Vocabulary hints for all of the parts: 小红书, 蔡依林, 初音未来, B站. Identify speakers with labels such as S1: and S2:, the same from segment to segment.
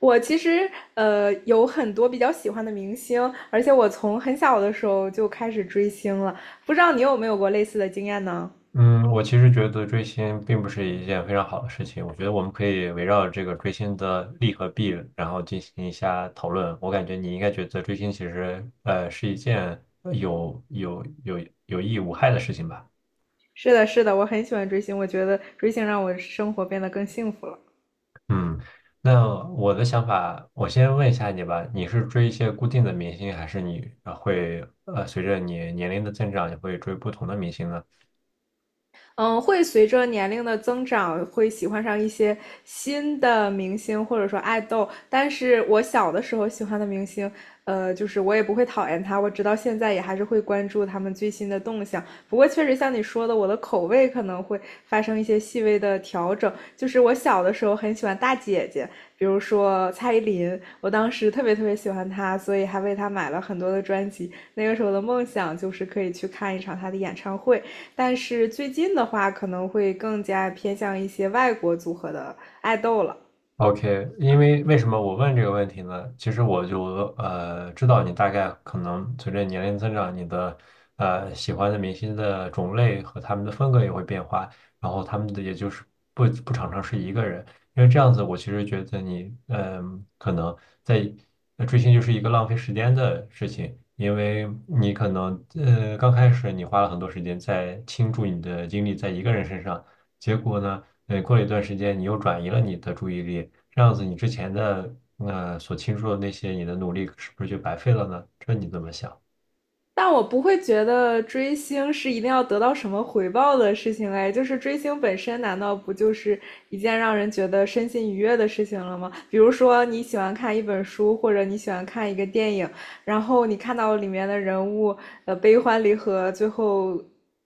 S1: 我其实有很多比较喜欢的明星，而且我从很小的时候就开始追星了。不知道你有没有过类似的经验呢？
S2: 嗯，我其实觉得追星并不是一件非常好的事情。我觉得我们可以围绕这个追星的利和弊，然后进行一下讨论。我感觉你应该觉得追星其实是一件有益无害的事情吧？
S1: 是的，是的，我很喜欢追星，我觉得追星让我生活变得更幸福了。
S2: 嗯，那我的想法，我先问一下你吧，你是追一些固定的明星，还是你会随着你年龄的增长，你会追不同的明星呢？
S1: 嗯，会随着年龄的增长，会喜欢上一些新的明星或者说爱豆。但是我小的时候喜欢的明星，就是我也不会讨厌他，我直到现在也还是会关注他们最新的动向。不过确实像你说的，我的口味可能会发生一些细微的调整。就是我小的时候很喜欢大姐姐，比如说蔡依林，我当时特别特别喜欢她，所以还为她买了很多的专辑。那个时候的梦想就是可以去看一场她的演唱会。但是最近的话，可能会更加偏向一些外国组合的爱豆了。
S2: OK，因为为什么我问这个问题呢？其实我就知道你大概可能随着年龄增长，你的喜欢的明星的种类和他们的风格也会变化，然后他们的也就是不常常是一个人，因为这样子我其实觉得你可能在追星就是一个浪费时间的事情，因为你可能刚开始你花了很多时间在倾注你的精力在一个人身上，结果呢？对，过了一段时间，你又转移了你的注意力，这样子你之前的所倾注的那些你的努力是不是就白费了呢？这你怎么想？
S1: 但我不会觉得追星是一定要得到什么回报的事情哎，就是追星本身难道不就是一件让人觉得身心愉悦的事情了吗？比如说你喜欢看一本书，或者你喜欢看一个电影，然后你看到里面的人物悲欢离合，最后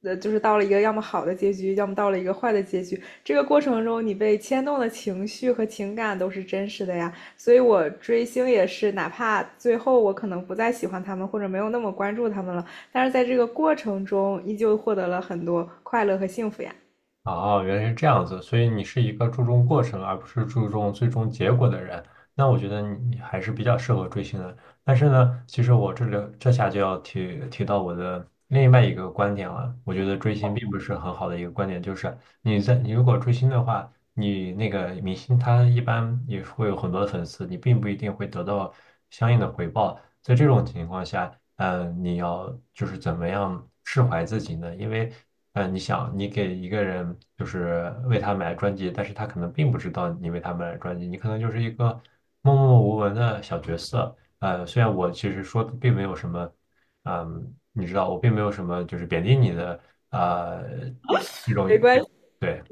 S1: 就是到了一个要么好的结局，要么到了一个坏的结局，这个过程中你被牵动的情绪和情感都是真实的呀。所以我追星也是，哪怕最后我可能不再喜欢他们，或者没有那么关注他们了，但是在这个过程中，依旧获得了很多快乐和幸福呀。
S2: 哦，原来是这样子，所以你是一个注重过程而不是注重最终结果的人。那我觉得你还是比较适合追星的。但是呢，其实我这里这下就要提到我的另外一个观点了。我觉得追星并不是很好的一个观点，就是你如果追星的话，你那个明星他一般也会有很多的粉丝，你并不一定会得到相应的回报。在这种情况下，你要就是怎么样释怀自己呢？因为，你想，你给一个人就是为他买专辑，但是他可能并不知道你为他买专辑，你可能就是一个默默无闻的小角色。呃，虽然我其实说的并没有什么，嗯，你知道，我并没有什么就是贬低你的，呃，这种，
S1: 没关系。
S2: 对。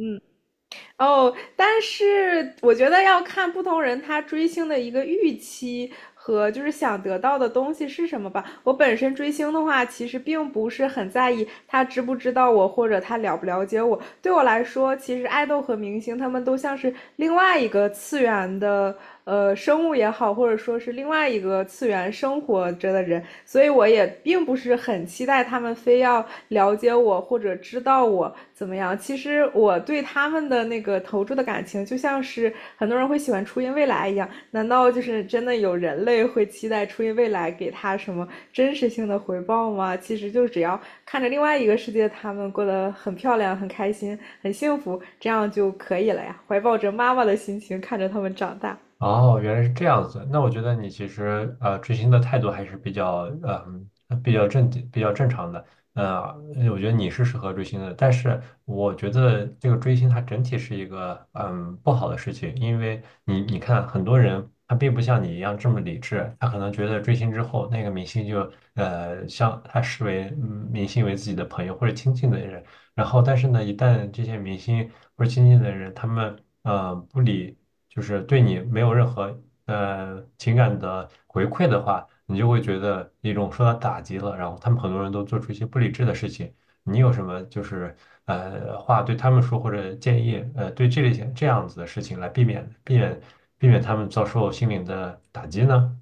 S1: 哦，但是我觉得要看不同人他追星的一个预期和就是想得到的东西是什么吧。我本身追星的话，其实并不是很在意他知不知道我或者他了不了解我。对我来说，其实爱豆和明星他们都像是另外一个次元的生物也好，或者说是另外一个次元生活着的人，所以我也并不是很期待他们非要了解我或者知道我怎么样。其实我对他们的那个投注的感情，就像是很多人会喜欢初音未来一样，难道就是真的有人类会期待初音未来给他什么真实性的回报吗？其实就只要看着另外一个世界，他们过得很漂亮、很开心、很幸福，这样就可以了呀。怀抱着妈妈的心情看着他们长大。
S2: 哦，原来是这样子。那我觉得你其实追星的态度还是比较比较正经比较正常的。呃，我觉得你是适合追星的，但是我觉得这个追星它整体是一个不好的事情，因为你看很多人他并不像你一样这么理智，他可能觉得追星之后那个明星就像他视为明星为自己的朋友或者亲近的人，然后但是呢，一旦这些明星或者亲近的人他们不理，就是对你没有任何情感的回馈的话，你就会觉得一种受到打击了。然后他们很多人都做出一些不理智的事情。你有什么就是话对他们说或者建议对这类型这样子的事情来避免他们遭受心灵的打击呢？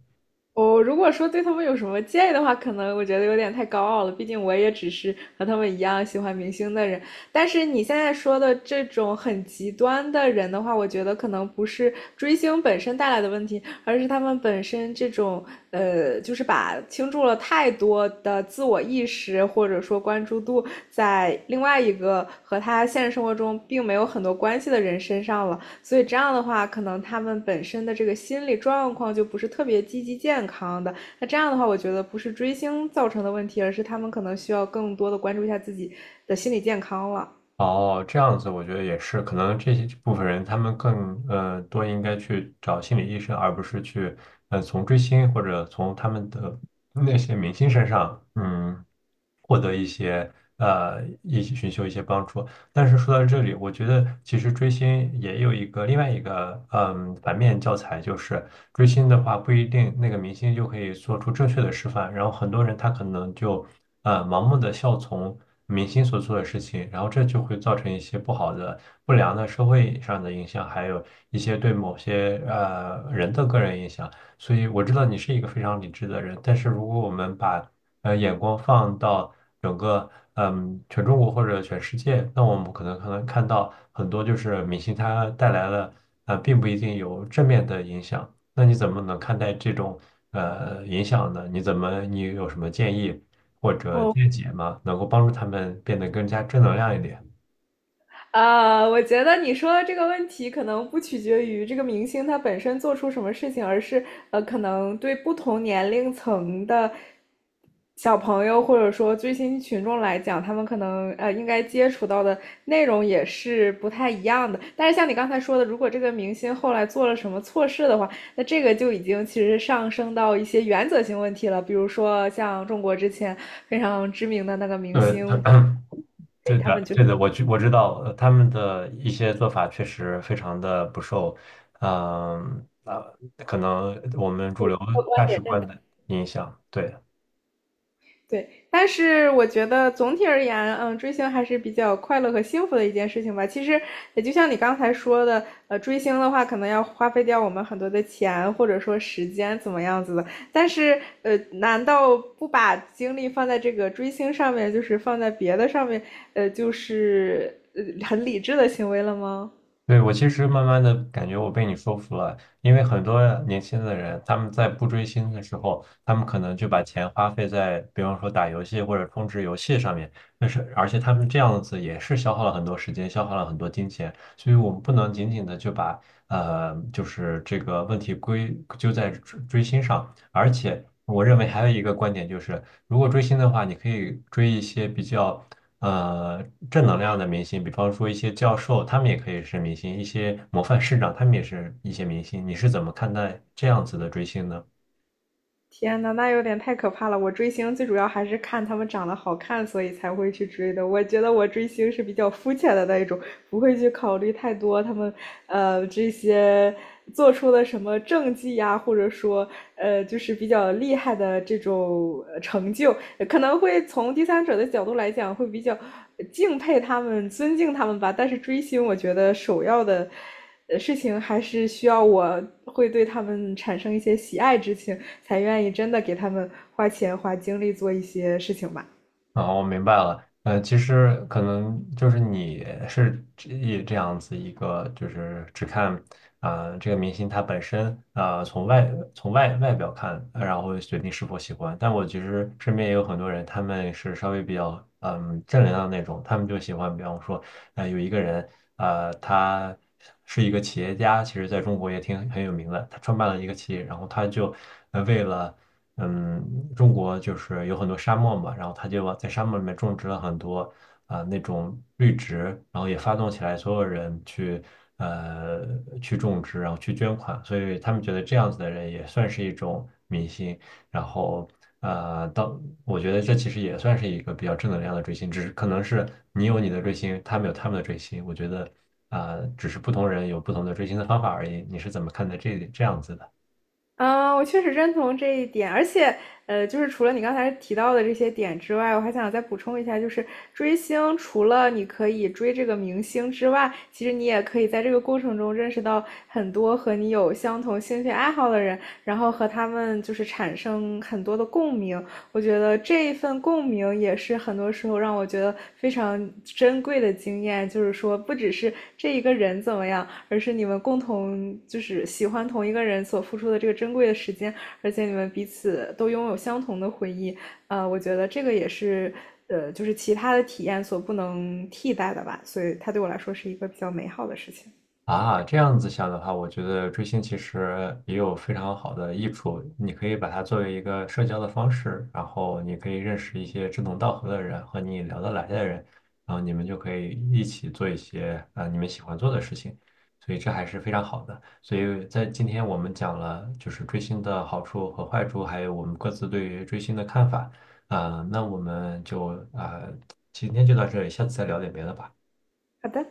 S1: 我如果说对他们有什么建议的话，可能我觉得有点太高傲了。毕竟我也只是和他们一样喜欢明星的人。但是你现在说的这种很极端的人的话，我觉得可能不是追星本身带来的问题，而是他们本身这种就是把倾注了太多的自我意识或者说关注度在另外一个和他现实生活中并没有很多关系的人身上了。所以这样的话，可能他们本身的这个心理状况就不是特别积极健康的。那这样的话，我觉得不是追星造成的问题，而是他们可能需要更多的关注一下自己的心理健康了。
S2: 哦，这样子我觉得也是，可能这些这部分人他们更多应该去找心理医生，而不是去从追星或者从他们的那些明星身上获得一些一起寻求一些帮助。但是说到这里，我觉得其实追星也有一个另外一个反面教材，就是追星的话不一定那个明星就可以做出正确的示范，然后很多人他可能就盲目的效从明星所做的事情，然后这就会造成一些不好的、不良的社会上的影响，还有一些对某些人的个人影响。所以我知道你是一个非常理智的人，但是如果我们把眼光放到整个全中国或者全世界，那我们可能看到很多就是明星他带来了并不一定有正面的影响。那你怎么能看待这种影响呢？你怎么你有什么建议？或者
S1: 哦，
S2: 阶级嘛，能够帮助他们变得更加正能量一点。
S1: 啊，我觉得你说的这个问题可能不取决于这个明星他本身做出什么事情，而是可能对不同年龄层的小朋友或者说追星群众来讲，他们可能应该接触到的内容也是不太一样的。但是像你刚才说的，如果这个明星后来做了什么错事的话，那这个就已经其实上升到一些原则性问题了，比如说像中国之前非常知名的那个明
S2: 对。
S1: 星。给
S2: 对
S1: 他们
S2: 的，
S1: 就。
S2: 对的，我知道，他们的一些做法确实非常的不受，嗯、呃，可能我们主流价值观的影响。对，
S1: 对，但是我觉得总体而言，嗯，追星还是比较快乐和幸福的一件事情吧。其实也就像你刚才说的，追星的话可能要花费掉我们很多的钱或者说时间怎么样子的，但是难道不把精力放在这个追星上面，就是放在别的上面，就是很理智的行为了吗？
S2: 对，我其实慢慢的感觉我被你说服了，因为很多年轻的人，他们在不追星的时候，他们可能就把钱花费在，比方说打游戏或者充值游戏上面，但是而且他们这样子也是消耗了很多时间，消耗了很多金钱，所以我们不能仅仅的就把就是这个问题归咎在追星上，而且我认为还有一个观点就是：如果追星的话，你可以追一些比较呃正能量的明星，比方说一些教授，他们也可以是明星；一些模范市长，他们也是一些明星。你是怎么看待这样子的追星呢？
S1: 天呐，那有点太可怕了！我追星最主要还是看他们长得好看，所以才会去追的。我觉得我追星是比较肤浅的那一种，不会去考虑太多他们这些做出了什么政绩呀，或者说就是比较厉害的这种成就，可能会从第三者的角度来讲会比较敬佩他们、尊敬他们吧。但是追星，我觉得首要的。事情还是需要我会对他们产生一些喜爱之情，才愿意真的给他们花钱花精力做一些事情吧。
S2: 啊，我明白了。呃，其实可能就是你是这样子一个，就是只看这个明星他本身啊、从外表看，然后决定是否喜欢。但我其实身边也有很多人，他们是稍微比较正能量那种，他们就喜欢，比方说，呃，有一个人，啊，他是一个企业家，其实在中国也挺很有名的，他创办了一个企业，然后他就为了，嗯，中国就是有很多沙漠嘛，然后他就往在沙漠里面种植了很多那种绿植，然后也发动起来所有人去呃去种植，然后去捐款，所以他们觉得这样子的人也算是一种明星，然后呃，到我觉得这其实也算是一个比较正能量的追星，只是可能是你有你的追星，他们有他们的追星，我觉得只是不同人有不同的追星的方法而已。你是怎么看待这这样子的？
S1: 嗯，我确实认同这一点，而且，就是除了你刚才提到的这些点之外，我还想再补充一下，就是追星，除了你可以追这个明星之外，其实你也可以在这个过程中认识到很多和你有相同兴趣爱好的人，然后和他们就是产生很多的共鸣，我觉得这一份共鸣也是很多时候让我觉得非常珍贵的经验，就是说不只是这一个人怎么样，而是你们共同就是喜欢同一个人所付出的这个珍贵的时间，而且你们彼此都拥有相同的回忆，我觉得这个也是就是其他的体验所不能替代的吧，所以它对我来说是一个比较美好的事情。
S2: 啊，这样子想的话，我觉得追星其实也有非常好的益处。你可以把它作为一个社交的方式，然后你可以认识一些志同道合的人和你聊得来的人，然后你们就可以一起做一些你们喜欢做的事情，所以这还是非常好的。所以在今天我们讲了就是追星的好处和坏处，还有我们各自对于追星的看法。那我们就啊、今天就到这里，下次再聊点别的吧。
S1: 好的。